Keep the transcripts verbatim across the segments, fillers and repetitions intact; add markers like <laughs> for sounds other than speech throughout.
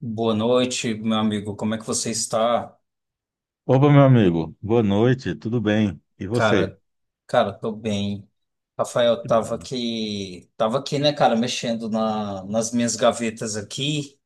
Boa noite, meu amigo. Como é que você está? Opa, meu amigo. Boa noite, tudo bem? E você? Cara, cara, tô bem. Rafael, Que bom, tava né? aqui, tava aqui, né, cara, mexendo na, nas minhas gavetas aqui,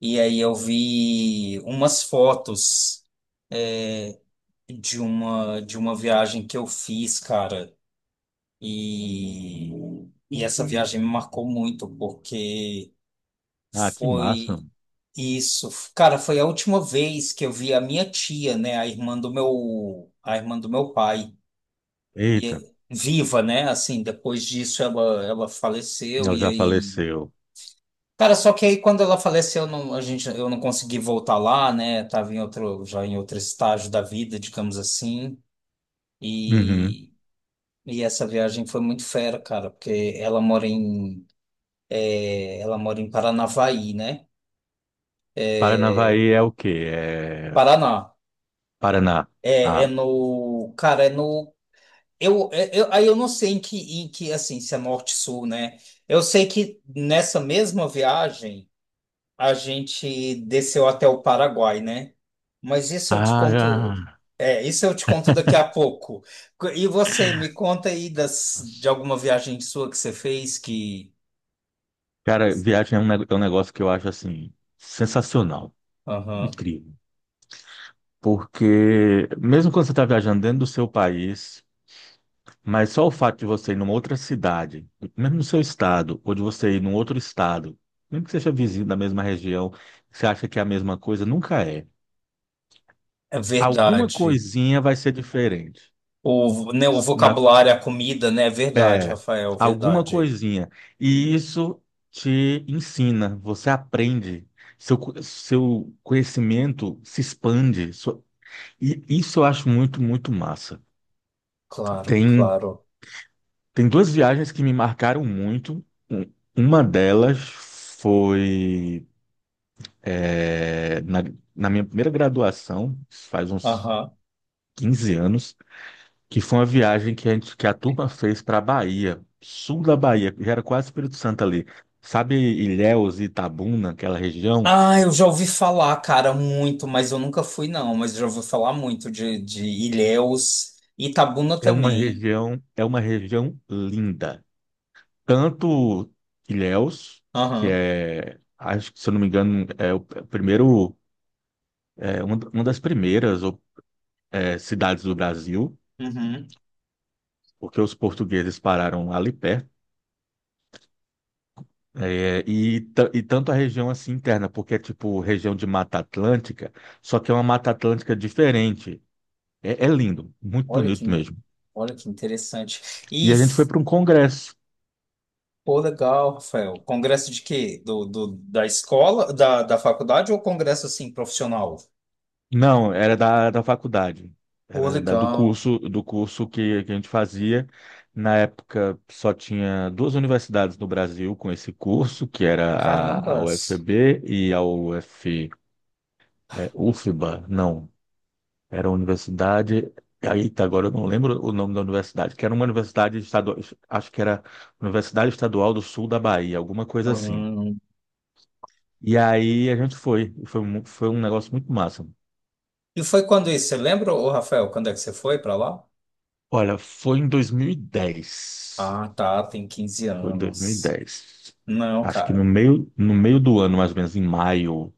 e aí eu vi umas fotos é, de uma de uma viagem que eu fiz, cara. E, e essa viagem me marcou muito porque Ah, que massa. foi isso, cara, foi a última vez que eu vi a minha tia, né, a irmã do meu a irmã do meu pai. e Eita, é- viva, né? Assim, depois disso ela, ela faleceu ela e já aí. faleceu. Cara, só que aí quando ela faleceu, eu não, a gente, eu não consegui voltar lá, né? Tava em outro, já em outro estágio da vida, digamos assim. Uhum. E, e essa viagem foi muito fera, cara, porque ela mora em, ela mora em Paranavaí, né? Paranavaí é o quê? É Paraná. Paraná. É, é Ah. no, cara, é no, eu, é- eu, aí eu não sei em que, em que, assim, se é norte-sul, né? Eu sei que nessa mesma viagem a gente desceu até o Paraguai, né? Mas isso eu te Ah, conto. É, isso eu te conto daqui a pouco. Co- E você, me conta aí das, de alguma viagem sua que você fez que. cara, viagem é um ne- é um negócio que eu acho assim sensacional, Aham. incrível. Porque mesmo quando você está viajando dentro do seu país, mas só o fato de você ir numa outra cidade, mesmo no seu estado, ou de você ir num outro estado, mesmo que seja vizinho da mesma região, você acha que é a mesma coisa? Nunca é. É Alguma verdade. coisinha vai ser diferente. O, né, o Na, vocabulário, a comida, né? É verdade, Rafael, Alguma verdade. coisinha. E isso te ensina, você aprende, seu, co- seu conhecimento se expande. Sua- e isso eu acho muito, muito massa. Claro, Tem, claro. tem duas viagens que me marcaram muito. Um- Uma delas foi, é, na, na minha primeira graduação, faz uns Aham. quinze anos, que foi uma viagem que a gente, que a turma fez para a Bahia, sul da Bahia, já era quase Espírito Santo ali. Sabe Ilhéus e Itabuna, aquela região? Ah, eu já ouvi falar, cara, muito, mas eu nunca fui, não. Mas já ouvi falar muito de, de Ilhéus, Itabuna É uma também. região, é uma região linda. Tanto Ilhéus, que Aham. é, acho que se eu não me engano, é o primeiro, é uma, uma das primeiras, é, cidades do Brasil, Uhum. porque os portugueses pararam ali perto. É, e, ta- e tanto a região assim interna, porque é tipo região de Mata Atlântica, só que é uma Mata Atlântica diferente. É, é lindo, muito Olha bonito que, mesmo. olha que interessante. E E, a gente foi f- para um congresso. Pô, legal, Rafael. Congresso de quê? Do, do, da escola, da, da faculdade ou congresso, assim, profissional? Não, era da, da faculdade, Pô, era da- do legal. curso do curso que, que a gente fazia. Na época só tinha duas universidades no Brasil com esse curso, que era a, a Carambas. U F B e a U F, é, UFBA, não. Era uma universidade. Aí, agora eu não lembro o nome da universidade, que era uma universidade estadual, acho que era Universidade Estadual do Sul da Bahia, alguma coisa assim. Hum. E aí a gente foi, e foi, mu- foi um negócio muito massa. E foi quando isso? Você lembra, ô, Rafael, quando é que você foi pra lá? Olha, foi em dois mil e dez. Ah, tá, tem quinze Foi em dois mil e anos. dez Não, Acho que no cara. meio, no meio do ano, mais ou menos, em maio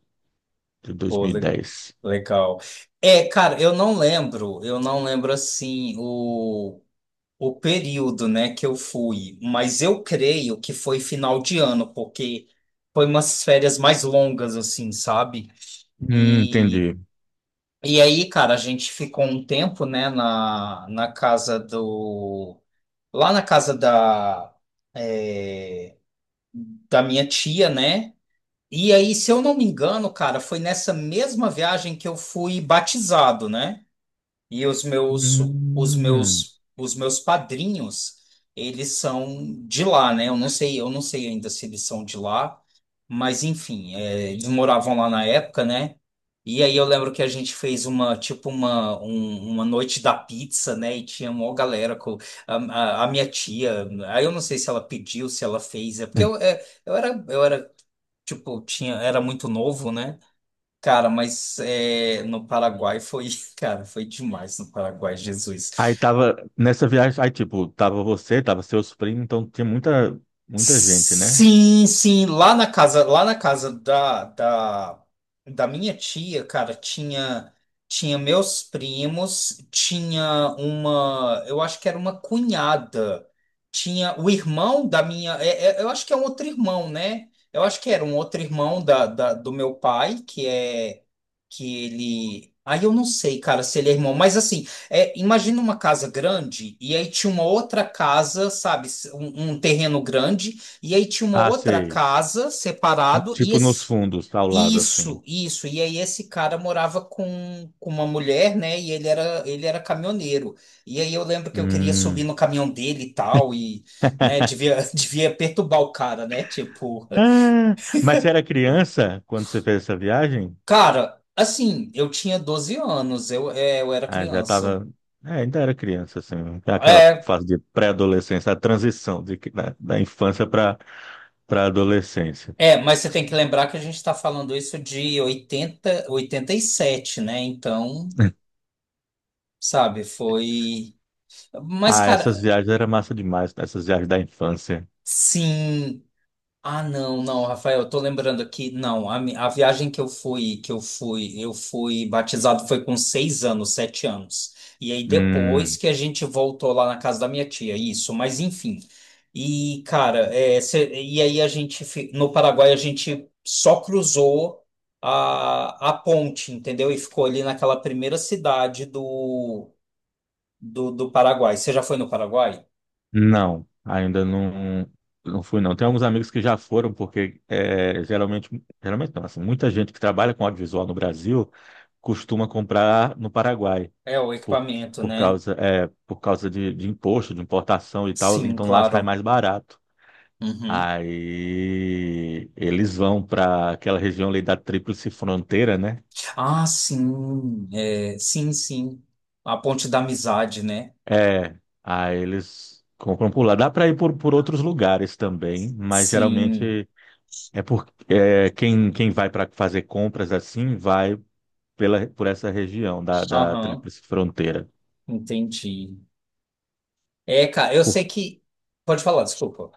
de Pô, le- dois mil e dez. legal. É, cara, eu não lembro. Eu não lembro, assim, o... o período, né, que eu fui, mas eu creio que foi final de ano, porque foi umas férias mais longas, assim, sabe? Hum, E, entendi. e aí, cara, a gente ficou um tempo, né, na, na casa do. Lá na casa da, é, da minha tia, né? E aí, se eu não me engano, cara, foi nessa mesma viagem que eu fui batizado, né? E os meus, os Hum. meus, os meus padrinhos, eles são de lá, né? Eu não sei, eu não sei ainda se eles são de lá, mas enfim, é, eles moravam lá na época, né? E aí eu lembro que a gente fez uma, tipo uma, um- uma noite da pizza, né? E tinha uma galera com a, a, a minha tia. Aí eu não sei se ela pediu, se ela fez, é porque eu, <laughs> é, eu era, eu era, tipo, tinha, era muito novo, né? Cara, mas é, no Paraguai foi, <laughs> cara, foi demais no Paraguai, Jesus. Aí tava, nessa viagem, aí tipo, tava você, tava seus primos, então tinha muita, muita gente, né? Sim, sim, lá na casa, lá na casa da, da, da minha tia, cara, tinha tinha meus primos, tinha uma, eu acho que era uma cunhada, tinha o irmão da minha, é- é- eu acho que é um outro irmão, né? Eu acho que era um outro irmão da, da- do meu pai, que é que ele, aí eu não sei, cara, se ele é irmão, mas assim. É, imagina uma casa grande e aí tinha uma outra casa, sabe, s- um, um terreno grande e aí tinha uma Ah, outra sei. casa separado e Tipo nos esse- fundos, ao lado, assim. isso, isso. E aí esse cara morava com, com uma mulher, né? E ele era ele era caminhoneiro. E aí eu lembro que eu queria subir Hum. no caminhão dele e tal e, né? <laughs> Devia <laughs> devia perturbar o cara, né? Tipo, Ah, mas você era criança quando você fez essa viagem? cara, assim, eu tinha doze anos, eu, é, eu era Ah, já criança. tava, é, ainda era criança, assim, aquela É, fase de pré-adolescência, a transição de, da, da infância para para adolescência. É, mas você tem que lembrar que a gente está falando isso de oitenta, oitenta e sete, né? Então, <laughs> sabe, foi. Mas, Ah, essas cara, viagens eram massa demais, essas viagens da infância. sim. Ah, não, não, Rafael, eu tô lembrando aqui, não, a, mi- a viagem que eu fui, que eu fui, eu fui batizado foi com seis anos, sete anos. E aí depois Hum. que a gente voltou lá na casa da minha tia, isso, mas enfim. E, cara, é, cê- e aí a gente, fi- no Paraguai, a gente só cruzou a, a ponte, entendeu? E ficou ali naquela primeira cidade do, do, do Paraguai. Você já foi no Paraguai? Não, ainda não, não fui não. Tem alguns amigos que já foram, porque é, geralmente, geralmente não, assim, muita gente que trabalha com audiovisual no Brasil costuma comprar no Paraguai, É, o por, equipamento, por né? causa, é, por causa de, de imposto, de importação e tal, Sim, então lá sai claro. mais barato. Uhum. Aí eles vão para aquela região ali da Tríplice Fronteira, né? Ah, sim, é, sim, sim. A ponte da amizade, né? É, aí eles compram por lá. Dá para ir por, por outros lugares também, mas Sim, geralmente. É porque é, quem, quem vai para fazer compras assim vai pela, por essa região da, da aham, Tríplice Fronteira. entendi. É, cara, eu sei Por- que. Pode falar, desculpa.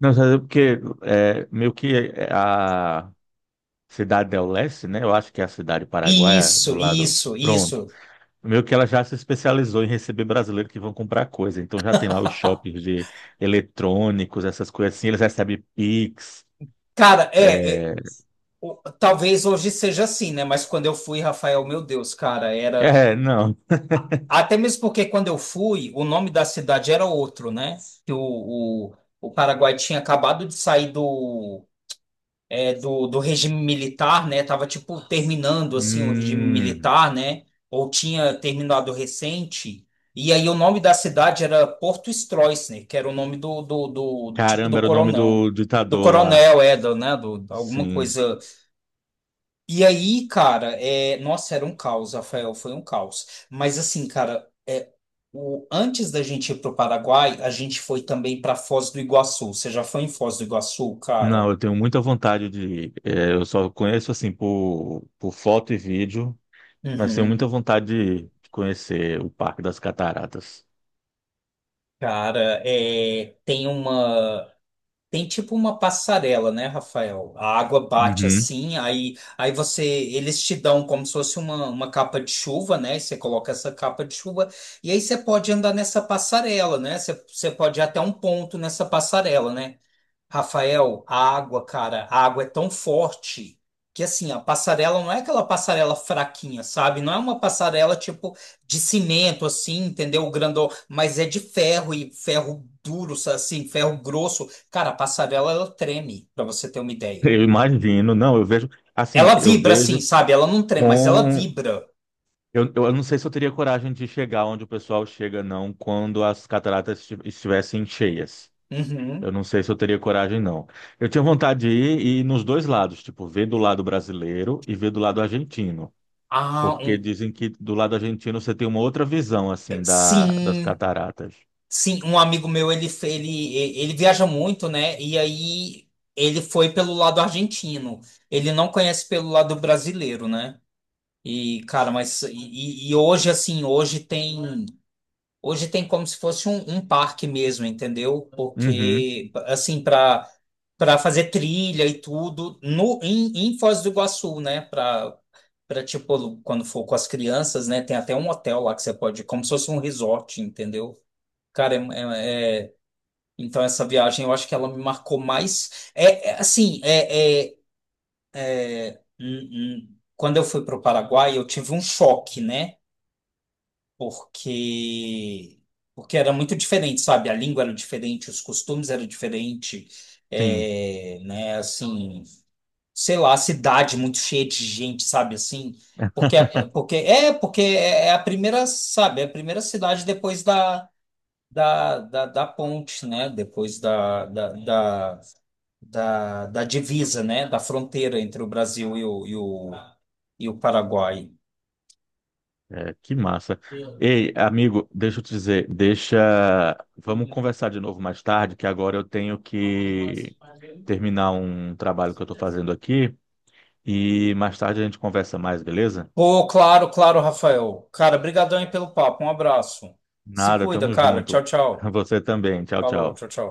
Não, sabe porque é, meio que é, a cidade del Leste, né? Eu acho que é a cidade paraguaia do Isso, lado. isso, Pronto. isso. Meio que ela já se especializou em receber brasileiros que vão comprar coisa. Então já tem lá os shoppings de eletrônicos, essas coisas assim. Eles recebem Pix. Cara, é, é, É, o- talvez hoje seja assim, né? Mas quando eu fui, Rafael, meu Deus, cara, era. é não. Até mesmo porque quando eu fui, o nome da cidade era outro, né? Que o, o, o Paraguai tinha acabado de sair do, é, do, do regime militar, né? Tava tipo terminando assim o regime Hum, militar, né? Ou tinha terminado recente. E aí o nome da cidade era Porto Stroessner, que era o nome do, do, do tipo caramba, do era o nome coronel. do Do ditador lá. coronel, é, do, né? Do, alguma Sim. coisa. E aí, cara, é, nossa, era um caos, Rafael, foi um caos. Mas assim, cara, é, o, antes da gente ir pro Paraguai, a gente foi também para Foz do Iguaçu. Você já foi em Foz do Iguaçu, cara? Não, eu tenho muita vontade de. É, eu só conheço assim por, por foto e vídeo, mas tenho Uhum. muita vontade de, de conhecer o Parque das Cataratas. Cara, é, tem uma. Tem tipo uma passarela, né, Rafael? A água bate Uhum. assim, aí, aí você. Eles te dão como se fosse uma, uma capa de chuva, né? Você coloca essa capa de chuva, e aí você pode andar nessa passarela, né? Você, você pode ir até um ponto nessa passarela, né? Rafael, a água, cara, a água é tão forte que assim, a passarela não é aquela passarela fraquinha, sabe? Não é uma passarela tipo de cimento assim, entendeu? Grandão, mas é de ferro e ferro duro, sa- assim, ferro grosso. Cara, a passarela ela treme, pra você ter uma ideia. Eu imagino, não, eu vejo. Assim, Ela eu vibra assim, vejo sabe? Ela não treme, mas ela com. vibra. Eu, eu não sei se eu teria coragem de chegar onde o pessoal chega, não, quando as cataratas esti- estivessem cheias. Eu Uhum. não sei se eu teria coragem, não. Eu tinha vontade de ir, e ir nos dois lados, tipo, ver do lado brasileiro e ver do lado argentino. Ah, Porque um... dizem que do lado argentino você tem uma outra visão, assim, da, das sim. cataratas. Sim, um amigo meu, ele, fe- ele, ele viaja muito, né? E aí ele foi pelo lado argentino. Ele não conhece pelo lado brasileiro, né? E, cara, mas. E, e hoje, assim, hoje tem. Hoje tem como se fosse um, um parque mesmo, entendeu? Uhum, Porque, assim, para para fazer trilha e tudo, no, em, em Foz do Iguaçu, né? Para, para, tipo, quando for com as crianças, né? Tem até um hotel lá que você pode. Como se fosse um resort, entendeu? Cara, é, é, então, essa viagem eu acho que ela me marcou mais. É, é, assim, é, é, hum, hum, quando eu fui para o Paraguai, eu tive um choque, né? Porque, porque era muito diferente, sabe? A língua era diferente, os costumes eram diferentes, sim, é, né? Assim, sei lá, a cidade muito cheia de gente, sabe? Assim, porque, <laughs> porque é porque é é a primeira, sabe? É a primeira cidade depois da, da, da, da ponte, né? Depois da, da, da da, da divisa, né? Da fronteira entre o Brasil e o, e o, e o Paraguai. é, que massa. Ei, amigo, deixa eu te dizer, deixa. Vamos conversar de novo mais tarde, que agora eu tenho que terminar um trabalho que eu estou fazendo aqui e mais tarde a gente conversa mais, beleza? Pô, claro, claro, Rafael. Cara, brigadão aí pelo papo. Um abraço. Se Nada, cuida, tamo cara. Tchau, junto. <laughs> tchau. Você também. Tchau, Falou, tchau. tchau, tchau.